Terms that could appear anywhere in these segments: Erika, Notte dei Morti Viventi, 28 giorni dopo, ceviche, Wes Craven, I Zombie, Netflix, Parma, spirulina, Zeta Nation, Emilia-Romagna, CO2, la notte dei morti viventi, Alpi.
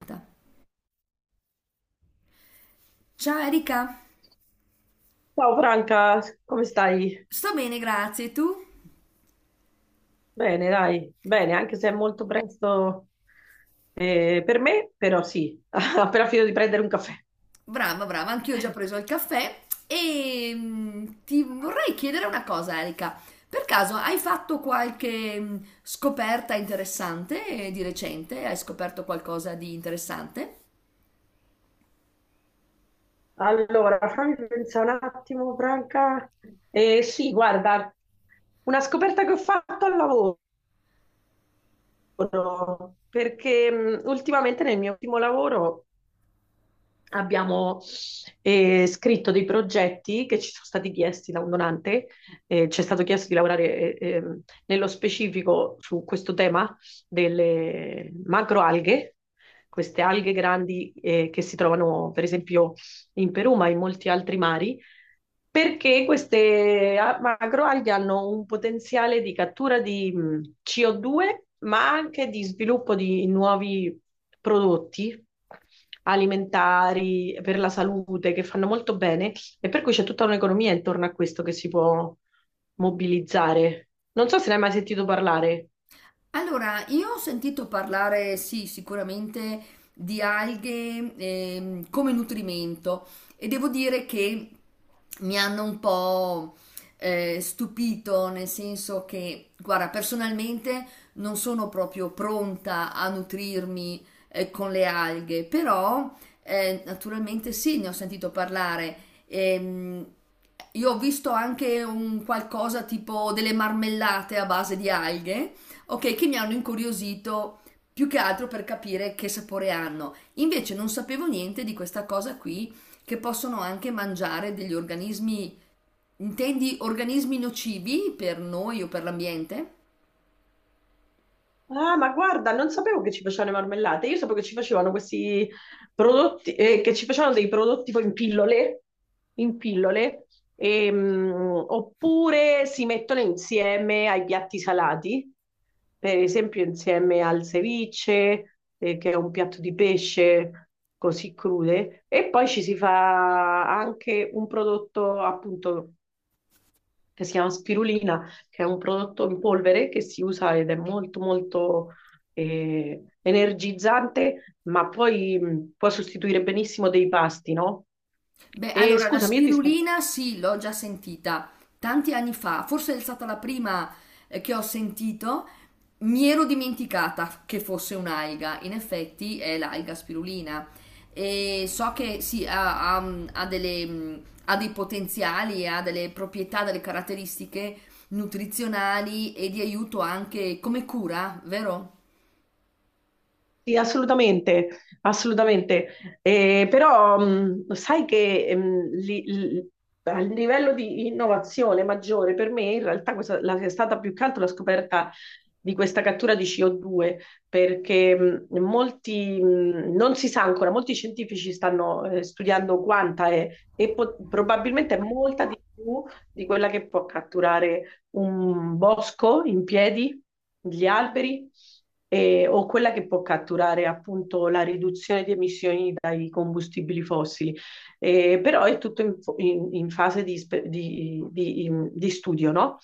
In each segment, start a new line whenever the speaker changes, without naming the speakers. Aspetta. Ciao Erika,
Ciao Franca, come stai?
sto bene, grazie. Tu?
Bene, dai, bene, anche se è molto presto per me, però sì, ho appena finito di prendere un caffè.
Brava, brava, anch'io ho già preso il caffè e ti vorrei chiedere una cosa, Erika. Per caso hai fatto qualche scoperta interessante di recente? Hai scoperto qualcosa di interessante?
Allora, fammi pensare un attimo, Franca. Sì, guarda, una scoperta che ho fatto al lavoro, perché ultimamente nel mio ultimo lavoro abbiamo scritto dei progetti che ci sono stati chiesti da un donante, ci è stato chiesto di lavorare nello specifico su questo tema delle macroalghe, queste alghe grandi che si trovano per esempio in Perù, ma in molti altri mari, perché queste macroalghe hanno un potenziale di cattura di CO2, ma anche di sviluppo di nuovi prodotti alimentari per la salute che fanno molto bene e per cui c'è tutta un'economia intorno a questo che si può mobilizzare. Non so se ne hai mai sentito parlare.
Allora, io ho sentito parlare, sì, sicuramente di alghe come nutrimento e devo dire che mi hanno un po' stupito, nel senso che, guarda, personalmente non sono proprio pronta a nutrirmi con le alghe, però naturalmente sì, ne ho sentito parlare. Ehm, io ho visto anche un qualcosa tipo delle marmellate a base di alghe. Ok, che mi hanno incuriosito più che altro per capire che sapore hanno. Invece non sapevo niente di questa cosa qui, che possono anche mangiare degli organismi. Intendi organismi nocivi per noi o per l'ambiente?
Ah, ma guarda, non sapevo che ci facevano le marmellate. Io sapevo che ci facevano questi prodotti, che ci facevano dei prodotti poi in pillole, in pillole, oppure si mettono insieme ai piatti salati, per esempio insieme al ceviche, che è un piatto di pesce così crude, e poi ci si fa anche un prodotto appunto che si chiama spirulina, che è un prodotto in polvere che si usa ed è molto molto energizzante, ma poi può sostituire benissimo dei pasti, no?
Beh,
E
allora la
scusami, io ti sto.
spirulina sì, l'ho già sentita tanti anni fa, forse è stata la prima che ho sentito. Mi ero dimenticata che fosse un'alga, in effetti è l'alga spirulina. E so che sì, ha delle, ha dei potenziali, ha delle proprietà, delle caratteristiche nutrizionali e di aiuto anche come cura, vero?
Sì, assolutamente, assolutamente. Però sai che a livello di innovazione maggiore per me in realtà è stata più che altro la scoperta di questa cattura di CO2, perché non si sa ancora, molti scientifici stanno studiando quanta è e probabilmente è molta di più di quella che può catturare un bosco in piedi, gli alberi, o quella che può catturare appunto la riduzione di emissioni dai combustibili fossili. Però è tutto in fase di, spe- di- in- di studio, no?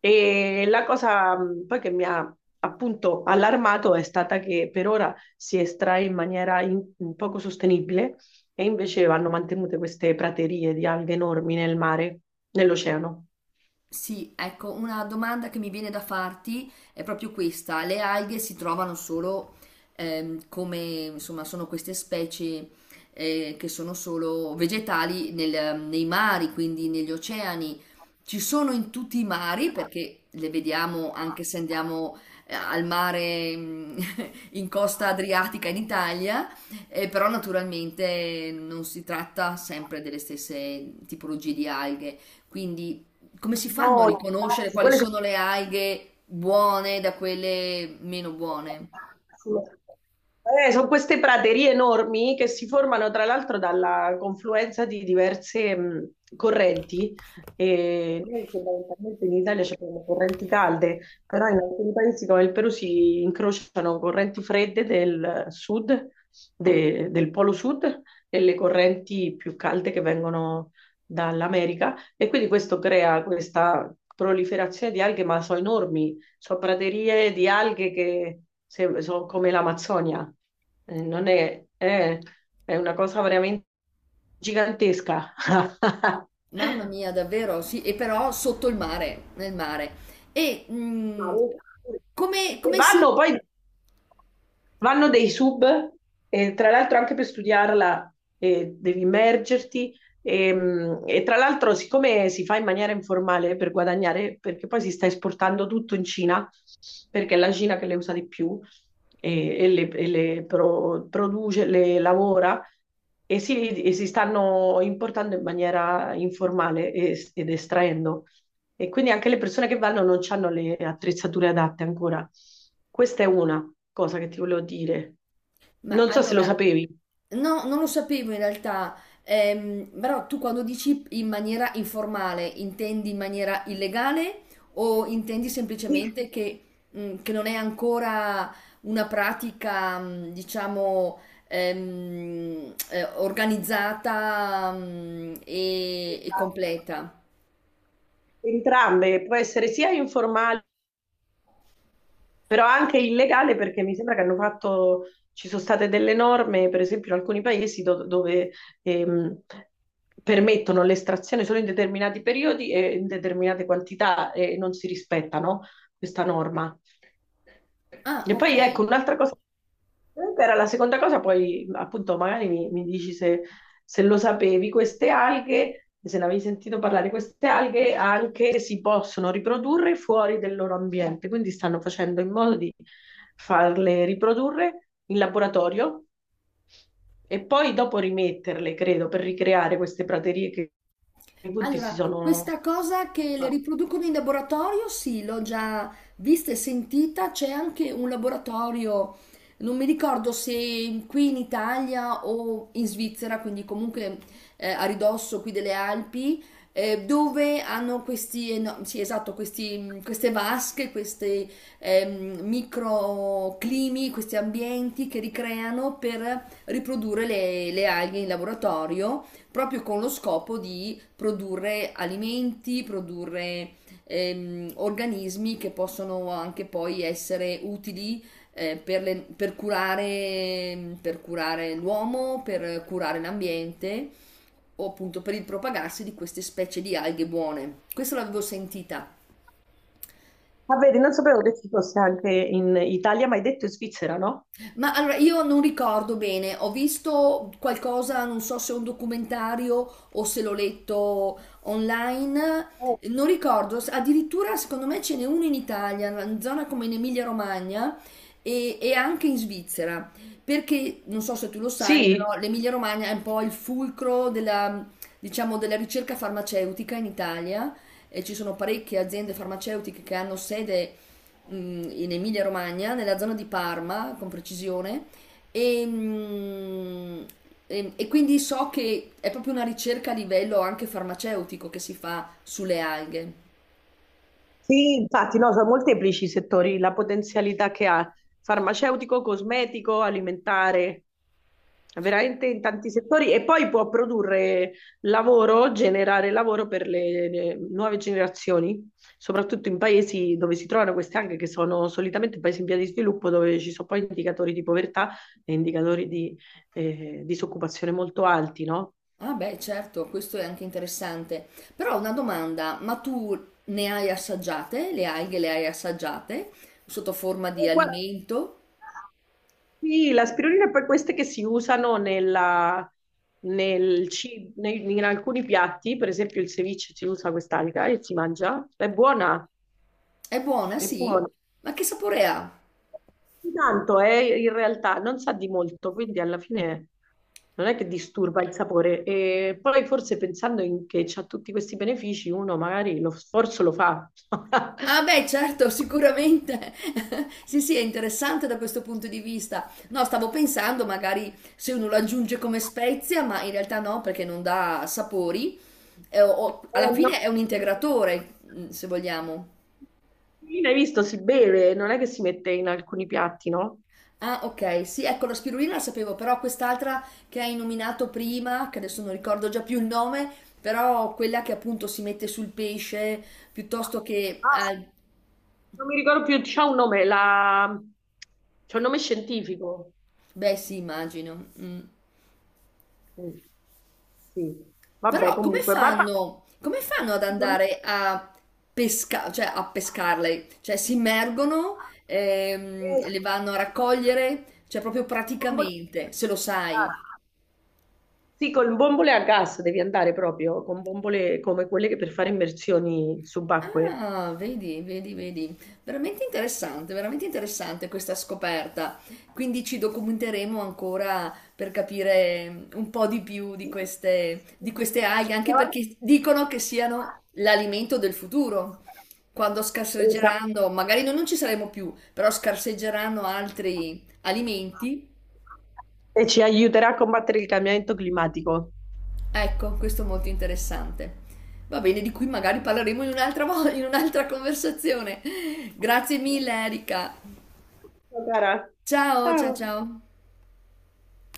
E la cosa poi che mi ha appunto allarmato è stata che per ora si estrae in maniera poco sostenibile, e invece vanno mantenute queste praterie di alghe enormi nel mare, nell'oceano.
Sì, ecco, una domanda che mi viene da farti è proprio questa. Le alghe si trovano solo ehm, come, insomma, sono queste specie che sono solo vegetali nei mari, quindi negli oceani. Ci sono in tutti i mari perché le vediamo anche se andiamo al mare, in costa adriatica in Italia, però naturalmente non si tratta sempre delle stesse tipologie di alghe. Quindi come si fanno a
No,
riconoscere
infatti,
quali
quelle
sono le alghe buone da quelle meno buone?
sono... Sono queste praterie enormi che si formano tra l'altro dalla confluenza di diverse correnti. E noi fondamentalmente in Italia ci abbiamo correnti calde, però in alcuni paesi come il Perù si incrociano correnti fredde del sud, del polo sud, e le correnti più calde che vengono dall'America. E quindi questo crea questa proliferazione di alghe, ma sono enormi, sono praterie di alghe che se- sono come l'Amazzonia. Non è, è una cosa veramente gigantesca.
Mamma mia, davvero, sì, e però sotto il mare, nel mare. E
Ma-
come,
E
come si?
vanno poi. Vanno dei sub, tra l'altro anche per studiarla, devi immergerti e tra l'altro siccome si fa in maniera informale per guadagnare, perché poi si sta esportando tutto in Cina, perché è la Cina che le usa di più e le produce, le lavora, e si stanno importando in maniera informale ed estraendo. E quindi anche le persone che vanno non hanno le attrezzature adatte ancora. Questa è una cosa che ti volevo dire.
Ma
Non so se lo
allora,
sapevi.
no, non lo sapevo in realtà. Però tu quando dici in maniera informale, intendi in maniera illegale o intendi
Sì.
semplicemente che non è ancora una pratica, diciamo, organizzata, e completa?
Entrambe, può essere sia informale, però anche illegale perché mi sembra che hanno fatto, ci sono state delle norme, per esempio in alcuni paesi dove ehm, permettono l'estrazione solo in determinati periodi e in determinate quantità e non si rispettano questa norma.
Ah,
E
ok.
poi ecco, un'altra cosa, era la seconda cosa, poi appunto magari mi dici se se lo sapevi, queste alghe, se ne avevi sentito parlare, queste alghe anche si possono riprodurre fuori del loro ambiente, quindi stanno facendo in modo di farle riprodurre in laboratorio e poi dopo rimetterle, credo, per ricreare queste praterie che i punti si
Allora,
sono...
questa cosa che le riproducono in laboratorio, sì, l'ho già vista e sentita. C'è anche un laboratorio, non mi ricordo se qui in Italia o in Svizzera, quindi comunque a ridosso qui delle Alpi, dove hanno questi, sì, esatto, queste vasche, questi microclimi, questi ambienti che ricreano per riprodurre le alghe in laboratorio proprio con lo scopo di produrre alimenti, produrre organismi che possono anche poi essere utili per curare l'uomo, per curare l'ambiente o appunto per il propagarsi di queste specie di alghe buone. Questo l'avevo sentita.
Ah, vedi, non sapevo che ci fosse anche in Italia, ma hai detto in Svizzera, no?
Ma allora io non ricordo bene, ho visto qualcosa, non so se è un documentario o se l'ho letto online,
Oh.
non ricordo, addirittura secondo me ce n'è uno in Italia, in zona come in Emilia-Romagna e anche in Svizzera, perché non so se tu lo sai,
Sì.
però l'Emilia-Romagna è un po' il fulcro della, diciamo, della ricerca farmaceutica in Italia. E ci sono parecchie aziende farmaceutiche che hanno sede mh, in Emilia Romagna, nella zona di Parma, con precisione, e, e quindi so che è proprio una ricerca a livello anche farmaceutico che si fa sulle alghe.
Sì, infatti, no, sono molteplici i settori, la potenzialità che ha, farmaceutico, cosmetico, alimentare, veramente in tanti settori, e poi può produrre lavoro, generare lavoro per le nuove generazioni, soprattutto in paesi dove si trovano queste anche, che sono solitamente paesi in via di sviluppo dove ci sono poi indicatori di povertà e indicatori di disoccupazione molto alti, no?
Ah beh, certo, questo è anche interessante. Però ho una domanda, ma tu ne hai assaggiate? Le alghe le hai assaggiate sotto forma di
Guarda,
alimento?
sì, l'aspirina è poi queste che si usano in alcuni piatti, per esempio il ceviche si usa quest'alga e si mangia, è buona,
È buona,
è
sì?
buona.
Ma che sapore ha?
Tanto è in realtà, non sa di molto, quindi alla fine non è che disturba il sapore. E poi forse pensando che ha tutti questi benefici, uno magari lo sforzo lo fa.
Ah beh, certo, sicuramente. Sì, sì, è interessante da questo punto di vista. No, stavo pensando magari se uno lo aggiunge come spezia, ma in realtà no, perché non dà sapori. Alla
No.
fine è un integratore, se vogliamo.
L'aspirina, hai visto, si beve, non è che si mette in alcuni piatti, no?
Ah, ok, sì, ecco, la spirulina la sapevo, però quest'altra che hai nominato prima, che adesso non ricordo già più il nome, però quella che appunto si mette sul pesce piuttosto che...
Ah, non mi ricordo più, c'ha un nome, la... c'ha un nome scientifico.
beh, sì, immagino. Mm.
Mm, sì, vabbè,
Però
comunque, va- va-
come fanno ad
secondo me-
andare a pesca, cioè a pescarle? Cioè si immergono,
eh,
le vanno a raccogliere, cioè proprio
bombole-
praticamente, se lo sai.
sì, con bombole a gas devi andare proprio, con bombole come quelle che per fare immersioni subacquee.
Ah, vedi, vedi, vedi. Veramente interessante questa scoperta. Quindi ci documenteremo ancora per capire un po' di più
Sì.
di queste alghe, anche perché dicono che siano l'alimento del futuro. Quando
Esatto.
scarseggeranno, magari noi non ci saremo più, però scarseggeranno altri alimenti.
E ci aiuterà a combattere il cambiamento climatico.
Ecco, questo è molto interessante. Va bene, di cui magari parleremo in in un'altra conversazione. Grazie mille, Erika.
Ciao, cara.
Ciao, ciao,
Ciao.
ciao.